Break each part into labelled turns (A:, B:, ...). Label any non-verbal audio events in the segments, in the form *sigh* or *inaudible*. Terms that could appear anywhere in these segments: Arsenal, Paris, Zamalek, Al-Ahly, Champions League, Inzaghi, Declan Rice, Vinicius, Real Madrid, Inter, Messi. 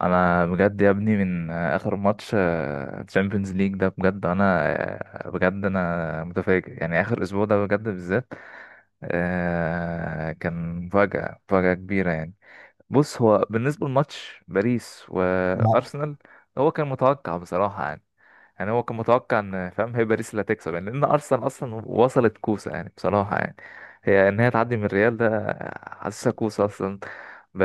A: انا بجد يا ابني من اخر ماتش تشامبيونز ليج ده بجد انا آه، بجد انا متفاجئ يعني اخر اسبوع ده بجد بالذات. كان مفاجأة مفاجأة كبيرة يعني. بص، هو بالنسبة لماتش باريس
B: لا.
A: وأرسنال هو كان متوقع بصراحة يعني. يعني هو كان متوقع إن، فاهم، هي باريس اللي هتكسب يعني، لأن أرسنال أصلا وصلت كوسة يعني بصراحة يعني. هي إن هي تعدي من الريال ده حاسسها كوسة أصلا. ب...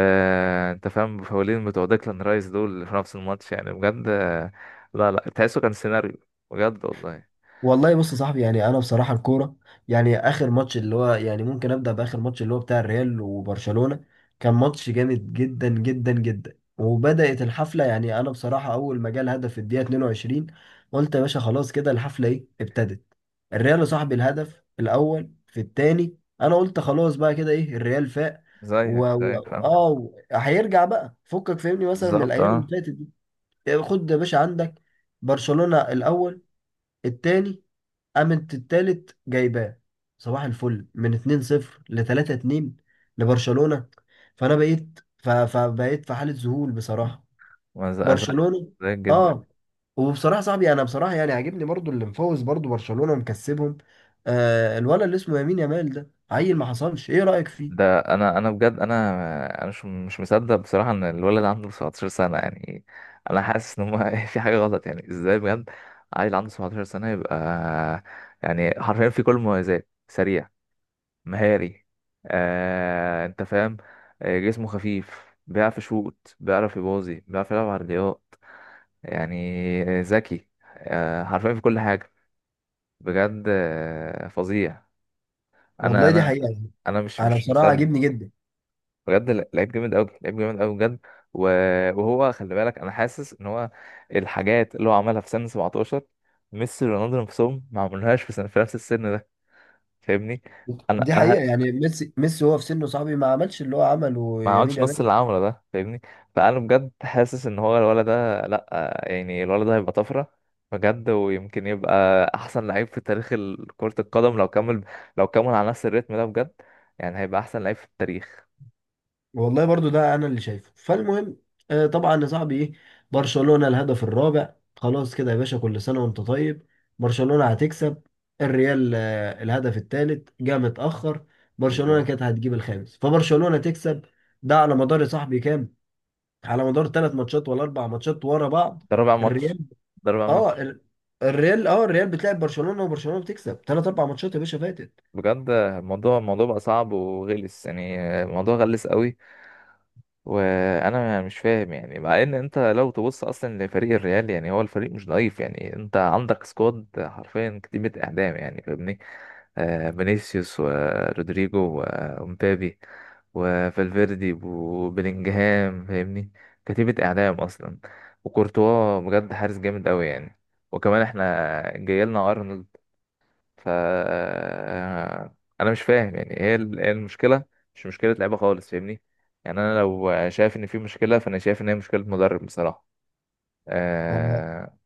A: أنت فاهم بفاولين بتوع ديكلان رايس دول في نفس الماتش يعني بجد. لا لا، تحسه كان سيناريو بجد والله.
B: والله بص يا صاحبي، يعني انا بصراحه الكوره، يعني اخر ماتش اللي هو، يعني ممكن ابدا باخر ماتش اللي هو بتاع الريال وبرشلونه. كان ماتش جامد جدا جدا جدا وبدات الحفله. يعني انا بصراحه اول ما جه الهدف في الدقيقه 22 قلت يا باشا خلاص كده الحفله، ايه، ابتدت الريال. يا صاحبي الهدف الاول في الثاني، انا قلت خلاص بقى كده، ايه، الريال فاق.
A: زيك
B: و... و...
A: زيك فاهم،
B: اه، هيرجع بقى. فكك فهمني مثلا من
A: بالظبط
B: الايام اللي
A: اه.
B: فاتت دي. خد يا باشا عندك، برشلونه الاول، الثاني، قامت التالت جايباه صباح الفل من 2-0 ل 3-2 لبرشلونة. فانا بقيت فبقيت في حالة ذهول بصراحة.
A: ما ز- زيك
B: برشلونة،
A: زيك جدا.
B: اه، وبصراحة صاحبي، انا بصراحة يعني عاجبني برضو اللي مفوز، برضو برشلونة ومكسبهم. آه، الولد اللي اسمه يمين يامال ده عيل، ما حصلش، ايه رأيك فيه؟
A: ده انا بجد انا مش مصدق بصراحه ان الولد عنده 17 سنه يعني. انا حاسس ان هو *laughs* في حاجه غلط، يعني ازاي بجد؟ عيل عنده 17 سنه، يبقى يعني حرفيا في كل المميزات. سريع، مهاري، انت فاهم. جسمه خفيف، بيعرف يشوط، بيعرف يباظي، بيعرف يلعب عرضيات. يعني ذكي، حرفيا في كل حاجه. بجد، فظيع. انا
B: والله دي
A: انا
B: حقيقة يعني.
A: انا مش
B: انا
A: مش
B: بصراحة عاجبني
A: مصدق.
B: جدا.
A: بجد، لعيب جامد قوي، لعيب جامد قوي بجد. و- وهو خلي بالك، انا حاسس ان هو الحاجات اللي هو عملها في سن 17، ميسي ورونالدو نفسهم ما عملوهاش في سن، في نفس السن ده، فاهمني؟ انا
B: دي
A: انا
B: حقيقة.
A: ه-
B: يعني ميسي هو في سنه، صاحبي، ما عملش اللي هو عمله
A: ما
B: يمين
A: عملتش نص اللي
B: يامال.
A: عمله ده فاهمني. فانا بجد حاسس ان هو الولد ده، لا يعني، الولد ده هيبقى طفره بجد. ويمكن يبقى احسن لعيب في تاريخ كرة القدم لو كمل، لو كمل على نفس الريتم ده بجد. يعني هيبقى احسن لعيب في التاريخ.
B: والله برضو ده انا اللي شايفه. فالمهم، طبعا يا صاحبي، ايه، برشلونة الهدف الرابع، خلاص كده يا باشا، كل سنة وانت طيب، برشلونة هتكسب. الريال الهدف الثالث جه متأخر، برشلونة
A: بالظبط،
B: كانت هتجيب الخامس، فبرشلونة تكسب. ده على مدار يا صاحبي كام، على مدار ثلاث ماتشات ولا اربع ماتشات ورا بعض.
A: ده رابع ماتش،
B: الريال،
A: ده رابع
B: اه
A: ماتش.
B: ال- الريال، الريال بتلعب برشلونة وبرشلونة بتكسب ثلاث اربع ماتشات يا باشا فاتت.
A: بجد الموضوع، الموضوع بقى صعب وغلس، يعني الموضوع غلس قوي. وانا مش فاهم، يعني مع ان انت لو تبص اصلا لفريق الريال، يعني هو الفريق مش ضعيف، يعني انت عندك سكواد، حرفيا كتيبة اعدام، يعني فاهمني. آه، فينيسيوس ورودريجو ومبابي وفالفيردي وبيلينجهام فاهمني. كتيبة اعدام اصلا، وكورتوا بجد حارس جامد قوي يعني. وكمان احنا جايلنا ارنولد. ف انا مش فاهم، يعني ايه إيه المشكله؟ مش مشكله لعيبه خالص فاهمني. يعني انا لو شايف ان في مشكله، فانا شايف ان هي مشكله مدرب بصراحه. اه.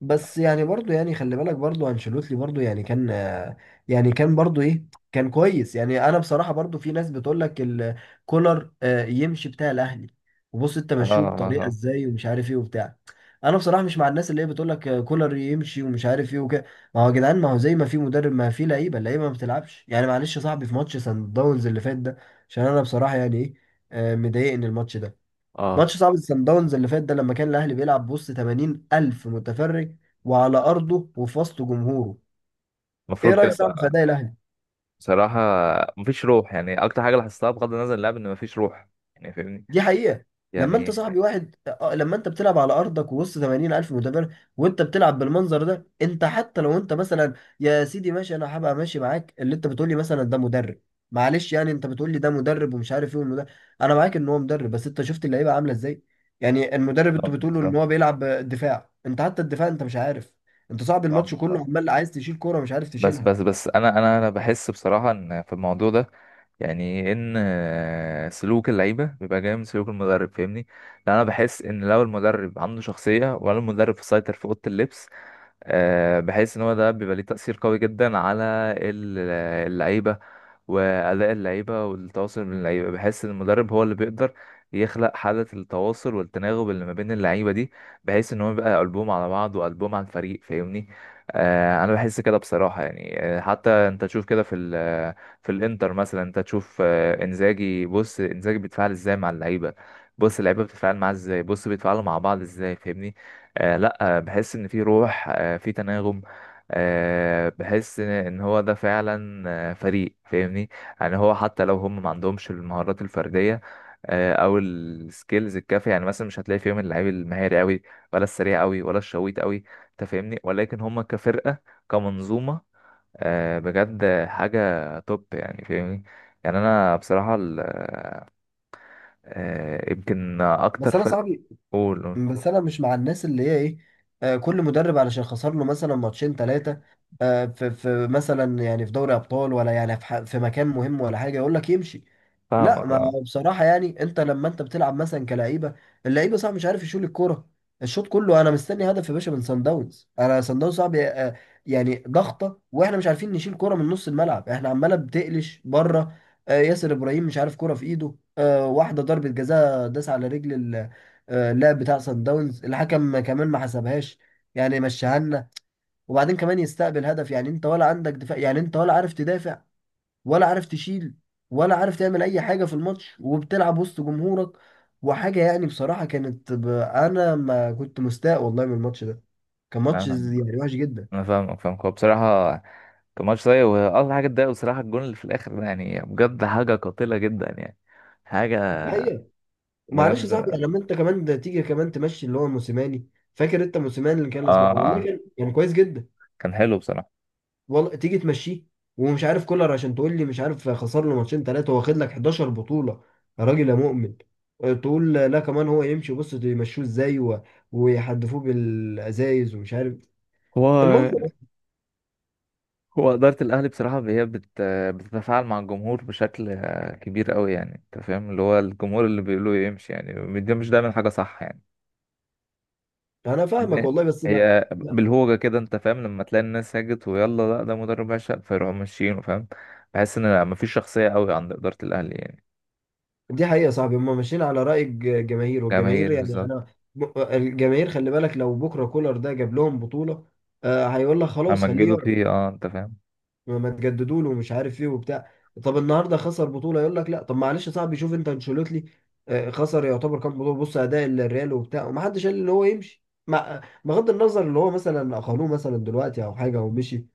B: بس يعني برضو، يعني خلي بالك، برضو انشيلوتي برضو، يعني كان يعني كان برضو، ايه، كان كويس. يعني انا بصراحة برضو، في ناس بتقول لك كولر يمشي، بتاع الاهلي، وبص انت
A: اه.
B: مشوه بطريقة
A: اه.
B: ازاي ومش عارف ايه وبتاع. انا بصراحة مش مع الناس اللي هي بتقول لك كولر يمشي ومش عارف ايه وكده. ما هو يا جدعان، ما هو زي ما في مدرب، ما في لعيبة، اللعيبة ما بتلعبش. يعني معلش يا صاحبي، في ماتش سان داونز اللي فات ده، عشان انا بصراحة يعني، ايه، مضايقني الماتش ده.
A: اه،
B: ماتش صعب السان داونز اللي فات ده، لما كان الاهلي بيلعب بوسط 80 الف متفرج، وعلى ارضه وفي وسط جمهوره. ايه
A: المفروض كده
B: رايك؟ صعب في
A: بقى.
B: اداء الاهلي.
A: بصراحه، مفيش روح. يعني اكتر حاجه لاحظتها، بغض النظر عن اللعب، ان مفيش روح يعني فاهمني،
B: دي حقيقة. لما انت
A: يعني.
B: صاحبي، واحد، لما انت بتلعب على ارضك ووسط 80 الف متابع، وانت بتلعب بالمنظر ده، انت حتى لو انت مثلا، يا سيدي ماشي، انا هبقى ماشي معاك، اللي انت بتقولي مثلا ده مدرب، معلش يعني، انت بتقولي ده مدرب ومش عارف ايه، والمدرب، انا معاك ان هو مدرب، بس انت شفت اللعيبة عاملة ازاي. يعني المدرب، انتوا
A: بالظبط،
B: بتقولوا ان
A: بالظبط.
B: هو بيلعب دفاع، انت حتى الدفاع انت مش عارف. انت صاحبي الماتش كله
A: بالظبط.
B: عمال عايز تشيل كورة، مش عارف
A: بس
B: تشيلها.
A: بس بس انا بحس بصراحه ان في الموضوع ده، يعني ان سلوك اللعيبه بيبقى جاي من سلوك المدرب فاهمني. لان انا بحس ان لو المدرب عنده شخصيه، ولا المدرب سيطر في اوضه اللبس، بحس ان هو ده بيبقى ليه تاثير قوي جدا على ال- اللعيبه، وأداء اللعيبة والتواصل من اللعيبة. بحس إن المدرب هو اللي بيقدر يخلق حالة التواصل والتناغم اللي ما بين اللعيبة دي، بحيث إن هو يبقى قلبهم على بعض وقلبهم على الفريق فاهمني. أنا بحس كده بصراحة يعني. حتى أنت تشوف كده في في الإنتر مثلا، أنت تشوف إنزاجي، بص إنزاجي بيتفاعل إزاي مع اللعيبة، بص اللعيبة بتتفاعل معاه إزاي، بص بيتفاعلوا مع بعض إزاي فاهمني. لا، بحس إن في روح، في تناغم، بحس ان إن هو ده فعلا فريق فاهمني. يعني هو حتى لو هم ما عندهمش المهارات الفرديه، او السكيلز الكافيه، يعني مثلا مش هتلاقي فيهم اللعيب المهاري قوي، ولا السريع قوي، ولا الشويت قوي، انت فاهمني. ولكن هم كفرقه، كمنظومه، بجد حاجه توب يعني فاهمني. يعني انا بصراحه يمكن
B: بس
A: اكتر
B: انا
A: فرق.
B: صاحبي،
A: قول، قول.
B: بس انا مش مع الناس اللي هي، ايه، كل مدرب علشان خسر له مثلا ماتشين ثلاثه في مثلا، يعني في دوري ابطال، ولا يعني في مكان مهم ولا حاجه، يقول لك يمشي. لا،
A: فاهمك
B: ما
A: اه.
B: بصراحه يعني، انت لما انت بتلعب مثلا كلعيبه، اللعيبه صعب مش عارف يشيل الكوره، الشوط كله انا مستني هدف يا باشا من سان داونز. انا سان داونز صعب، يعني ضغطه، واحنا مش عارفين نشيل كوره من نص الملعب، احنا عماله بتقلش بره. ياسر ابراهيم مش عارف كوره في ايده، واحده ضربه جزاء داس على رجل. اللعب بتاع سان داونز الحكم كمان ما حسبهاش، يعني مشاها لنا. وبعدين كمان يستقبل هدف. يعني انت ولا عندك دفاع، يعني انت ولا عارف تدافع، ولا عارف تشيل، ولا عارف تعمل اي حاجه في الماتش، وبتلعب وسط جمهورك وحاجه. يعني بصراحه كانت انا ما كنت مستاء، والله، من الماتش ده. كان
A: أنا
B: ماتش
A: فاهم.
B: يعني وحش جدا.
A: انا فاهمك، فاهمك. هو بصراحه كان ماتش سيء، واكتر حاجه اتضايق بصراحه الجون اللي في الاخر ده، يعني بجد حاجه قاتله جدا يعني، حاجه
B: دي حقيقه. معلش يا صاحبي،
A: بجد.
B: يعني لما انت كمان ده، تيجي كمان تمشي اللي هو موسيماني. فاكر انت موسيماني اللي كان لاسبوع؟
A: اه
B: والله
A: اه،
B: كان كويس جدا.
A: كان حلو بصراحه.
B: والله تيجي تمشيه، ومش عارف كولر عشان تقول لي مش عارف خسر له ماتشين ثلاثه، واخد لك 11 بطوله، يا راجل يا مؤمن. تقول لا كمان هو يمشي، بص يمشوه ازاي، ويحدفوه بالازايز ومش عارف،
A: هو
B: المنظر.
A: هو اداره الاهلي بصراحه هي بتتفاعل مع الجمهور بشكل كبير قوي، يعني انت فاهم. اللي هو الجمهور اللي بيقولوا يمشي، يعني دي مش دايما حاجه صح يعني.
B: انا فاهمك
A: لأن
B: والله، بس ما.
A: هي
B: لا،
A: بالهوجه كده، انت فاهم، لما تلاقي الناس هاجت ويلا لا ده مدرب عشق، فيروحوا ماشيين فاهم. بحس ان مفيش شخصيه قوي عند اداره الاهلي يعني.
B: دي حقيقه يا صاحبي، هم ماشيين على راي الجماهير، والجماهير،
A: جماهير
B: يعني
A: بالظبط،
B: انا، الجماهير خلي بالك، لو بكره كولر ده جاب لهم بطوله، هيقول لك خلاص خليه
A: همجدوا
B: يقعد،
A: فيه اه انت فاهم.
B: ما تجددوا له ومش عارف ايه وبتاع. طب النهارده خسر بطوله، يقول لك لا. طب معلش يا صاحبي، شوف انت انشيلوتي، خسر يعتبر كام بطوله، بص اداء الريال وبتاع، ومحدش قال ان هو يمشي، مع بغض النظر اللي هو مثلا اقالوه مثلا دلوقتي او حاجه او مشي،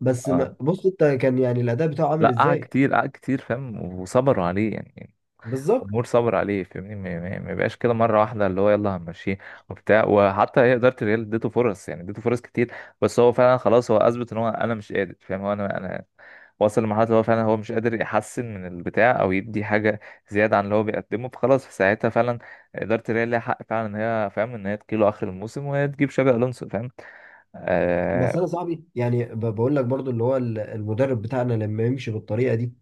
B: بس
A: اه،
B: ما بص انت كان يعني الاداء بتاعه عامل
A: لا قعد
B: ازاي.
A: كتير، قعد كتير فاهم، وصبروا عليه يعني.
B: بالظبط.
A: الجمهور صبر عليه فاهمني. ما بقاش كده مره واحده اللي هو يلا هنمشيه وبتاع. وحتى هي اداره الريال اديته فرص، يعني اديته فرص كتير. بس هو فعلا خلاص هو اثبت ان هو انا مش قادر فاهم. هو انا وصل لمرحله اللي هو فعلا هو مش قادر يحسن من البتاع، او يدي حاجه زياده عن اللي هو بيقدمه. فخلاص في ساعتها فعلا اداره الريال ليها حق فعلا ان هي فاهم، ان هي تجيله اخر الموسم وهي تجيب شابي الونسو فاهم.
B: بس
A: آه.
B: انا صاحبي يعني، بقول لك برضو، اللي هو المدرب بتاعنا لما يمشي بالطريقه دي،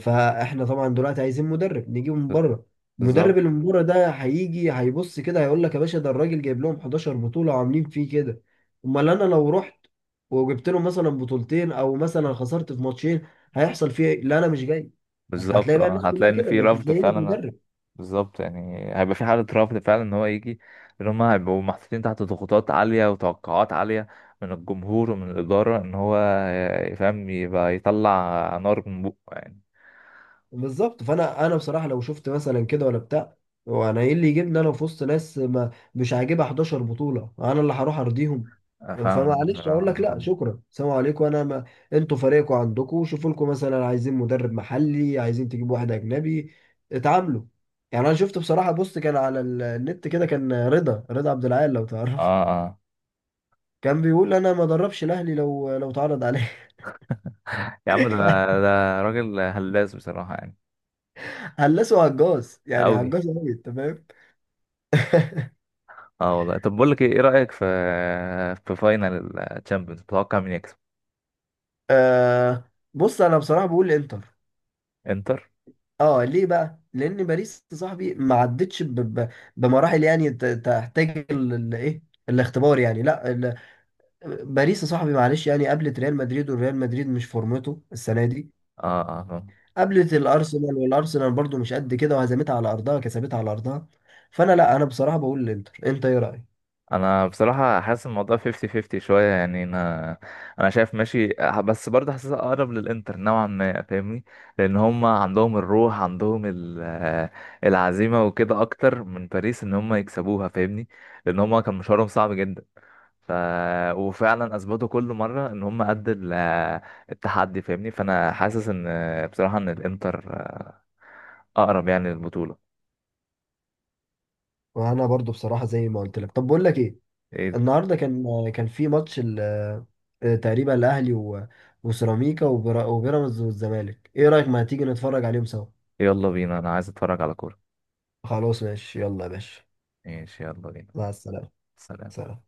B: فاحنا طبعا دلوقتي عايزين مدرب نجيبه من بره.
A: بالظبط،
B: المدرب اللي من بره ده هيجي هيبص كده، هيقول لك يا باشا ده الراجل جايب لهم 11 بطوله وعاملين فيه كده، امال انا لو رحت وجبت لهم مثلا بطولتين او مثلا خسرت في ماتشين، هيحصل فيه ايه؟ لا انا مش جاي. انت
A: بالظبط
B: هتلاقي بقى
A: اه،
B: الناس
A: هتلاقي
B: كلها
A: ان
B: كده،
A: في
B: مش
A: رفض
B: هتلاقي لك
A: فعلا.
B: مدرب.
A: بالظبط، يعني هيبقى في حالة رفض فعلا ان هو يجي، ان هم هيبقوا محطوطين تحت ضغوطات عالية وتوقعات عالية من الجمهور ومن الإدارة، ان هو يفهم، يبقى يطلع نار من بقه يعني.
B: بالظبط. فانا بصراحه لو شفت مثلا كده ولا بتاع، هو انا ايه اللي يجيبني انا في وسط ناس ما مش عاجبها 11 بطوله، انا اللي هروح ارضيهم؟
A: فاهم
B: فمعلش اقول
A: بصراحة.
B: لك لا شكرا، سلام عليكم، انا ما. انتوا فريقكم عندكم، شوفوا لكم مثلا، عايزين مدرب محلي، عايزين تجيبوا واحد اجنبي، اتعاملوا. يعني انا شفت بصراحه، بص كان على النت كده، كان رضا عبد العال، لو تعرفه،
A: اه اه.
B: كان بيقول انا ما دربش الاهلي لو اتعرض عليه.
A: يا عم ده،
B: *laughs*
A: ده راجل هلاس بصراحة يعني.
B: هلسه هجاص يعني،
A: أوي.
B: هجاص قوي، انت فاهم. *laughs*
A: اه والله. طب بقول لك ايه، إيه رأيك في، في فاينل الشامبيونز؟ تتوقع مين يكسب؟
B: آه، بص انا بصراحه بقول الانتر.
A: انتر.
B: اه، ليه بقى؟ لان باريس يا صاحبي ما عدتش بمراحل، يعني تحتاج الايه، الاختبار. يعني لا ال... باريس يا صاحبي، معلش يعني، قابلت ريال مدريد والريال مدريد مش فورمته السنه دي،
A: اه اه آه.
B: قابلت الارسنال والارسنال برضو مش قد كده، وهزمتها على ارضها، كسبتها على ارضها. فانا لا، انا بصراحه بقول الانتر. انت ايه رايك؟
A: انا بصراحه حاسس الموضوع 50-50 شويه يعني. انا، انا شايف ماشي، بس برضه حاسسها اقرب للانتر نوعا ما فاهمني. لان هم عندهم الروح، عندهم العزيمه وكده اكتر من باريس، ان هم يكسبوها فاهمني. لان هم كان مشوارهم صعب جدا. ف... وفعلا اثبتوا كل مره ان هم قد التحدي فاهمني. فانا حاسس ان بصراحه ان الانتر، اقرب يعني للبطوله.
B: وانا برضو بصراحه زي ما قلت لك. طب بقول لك ايه،
A: إيه-
B: النهارده كان في ماتش آه، تقريبا الاهلي وسيراميكا، وبيراميدز والزمالك. ايه رايك ما تيجي نتفرج عليهم سوا؟
A: يلا بينا، انا عايز اتفرج على كوره.
B: خلاص ماشي، يلا يا باشا.
A: ماشي، يلا بينا.
B: مع السلامه.
A: سلام.
B: سلام.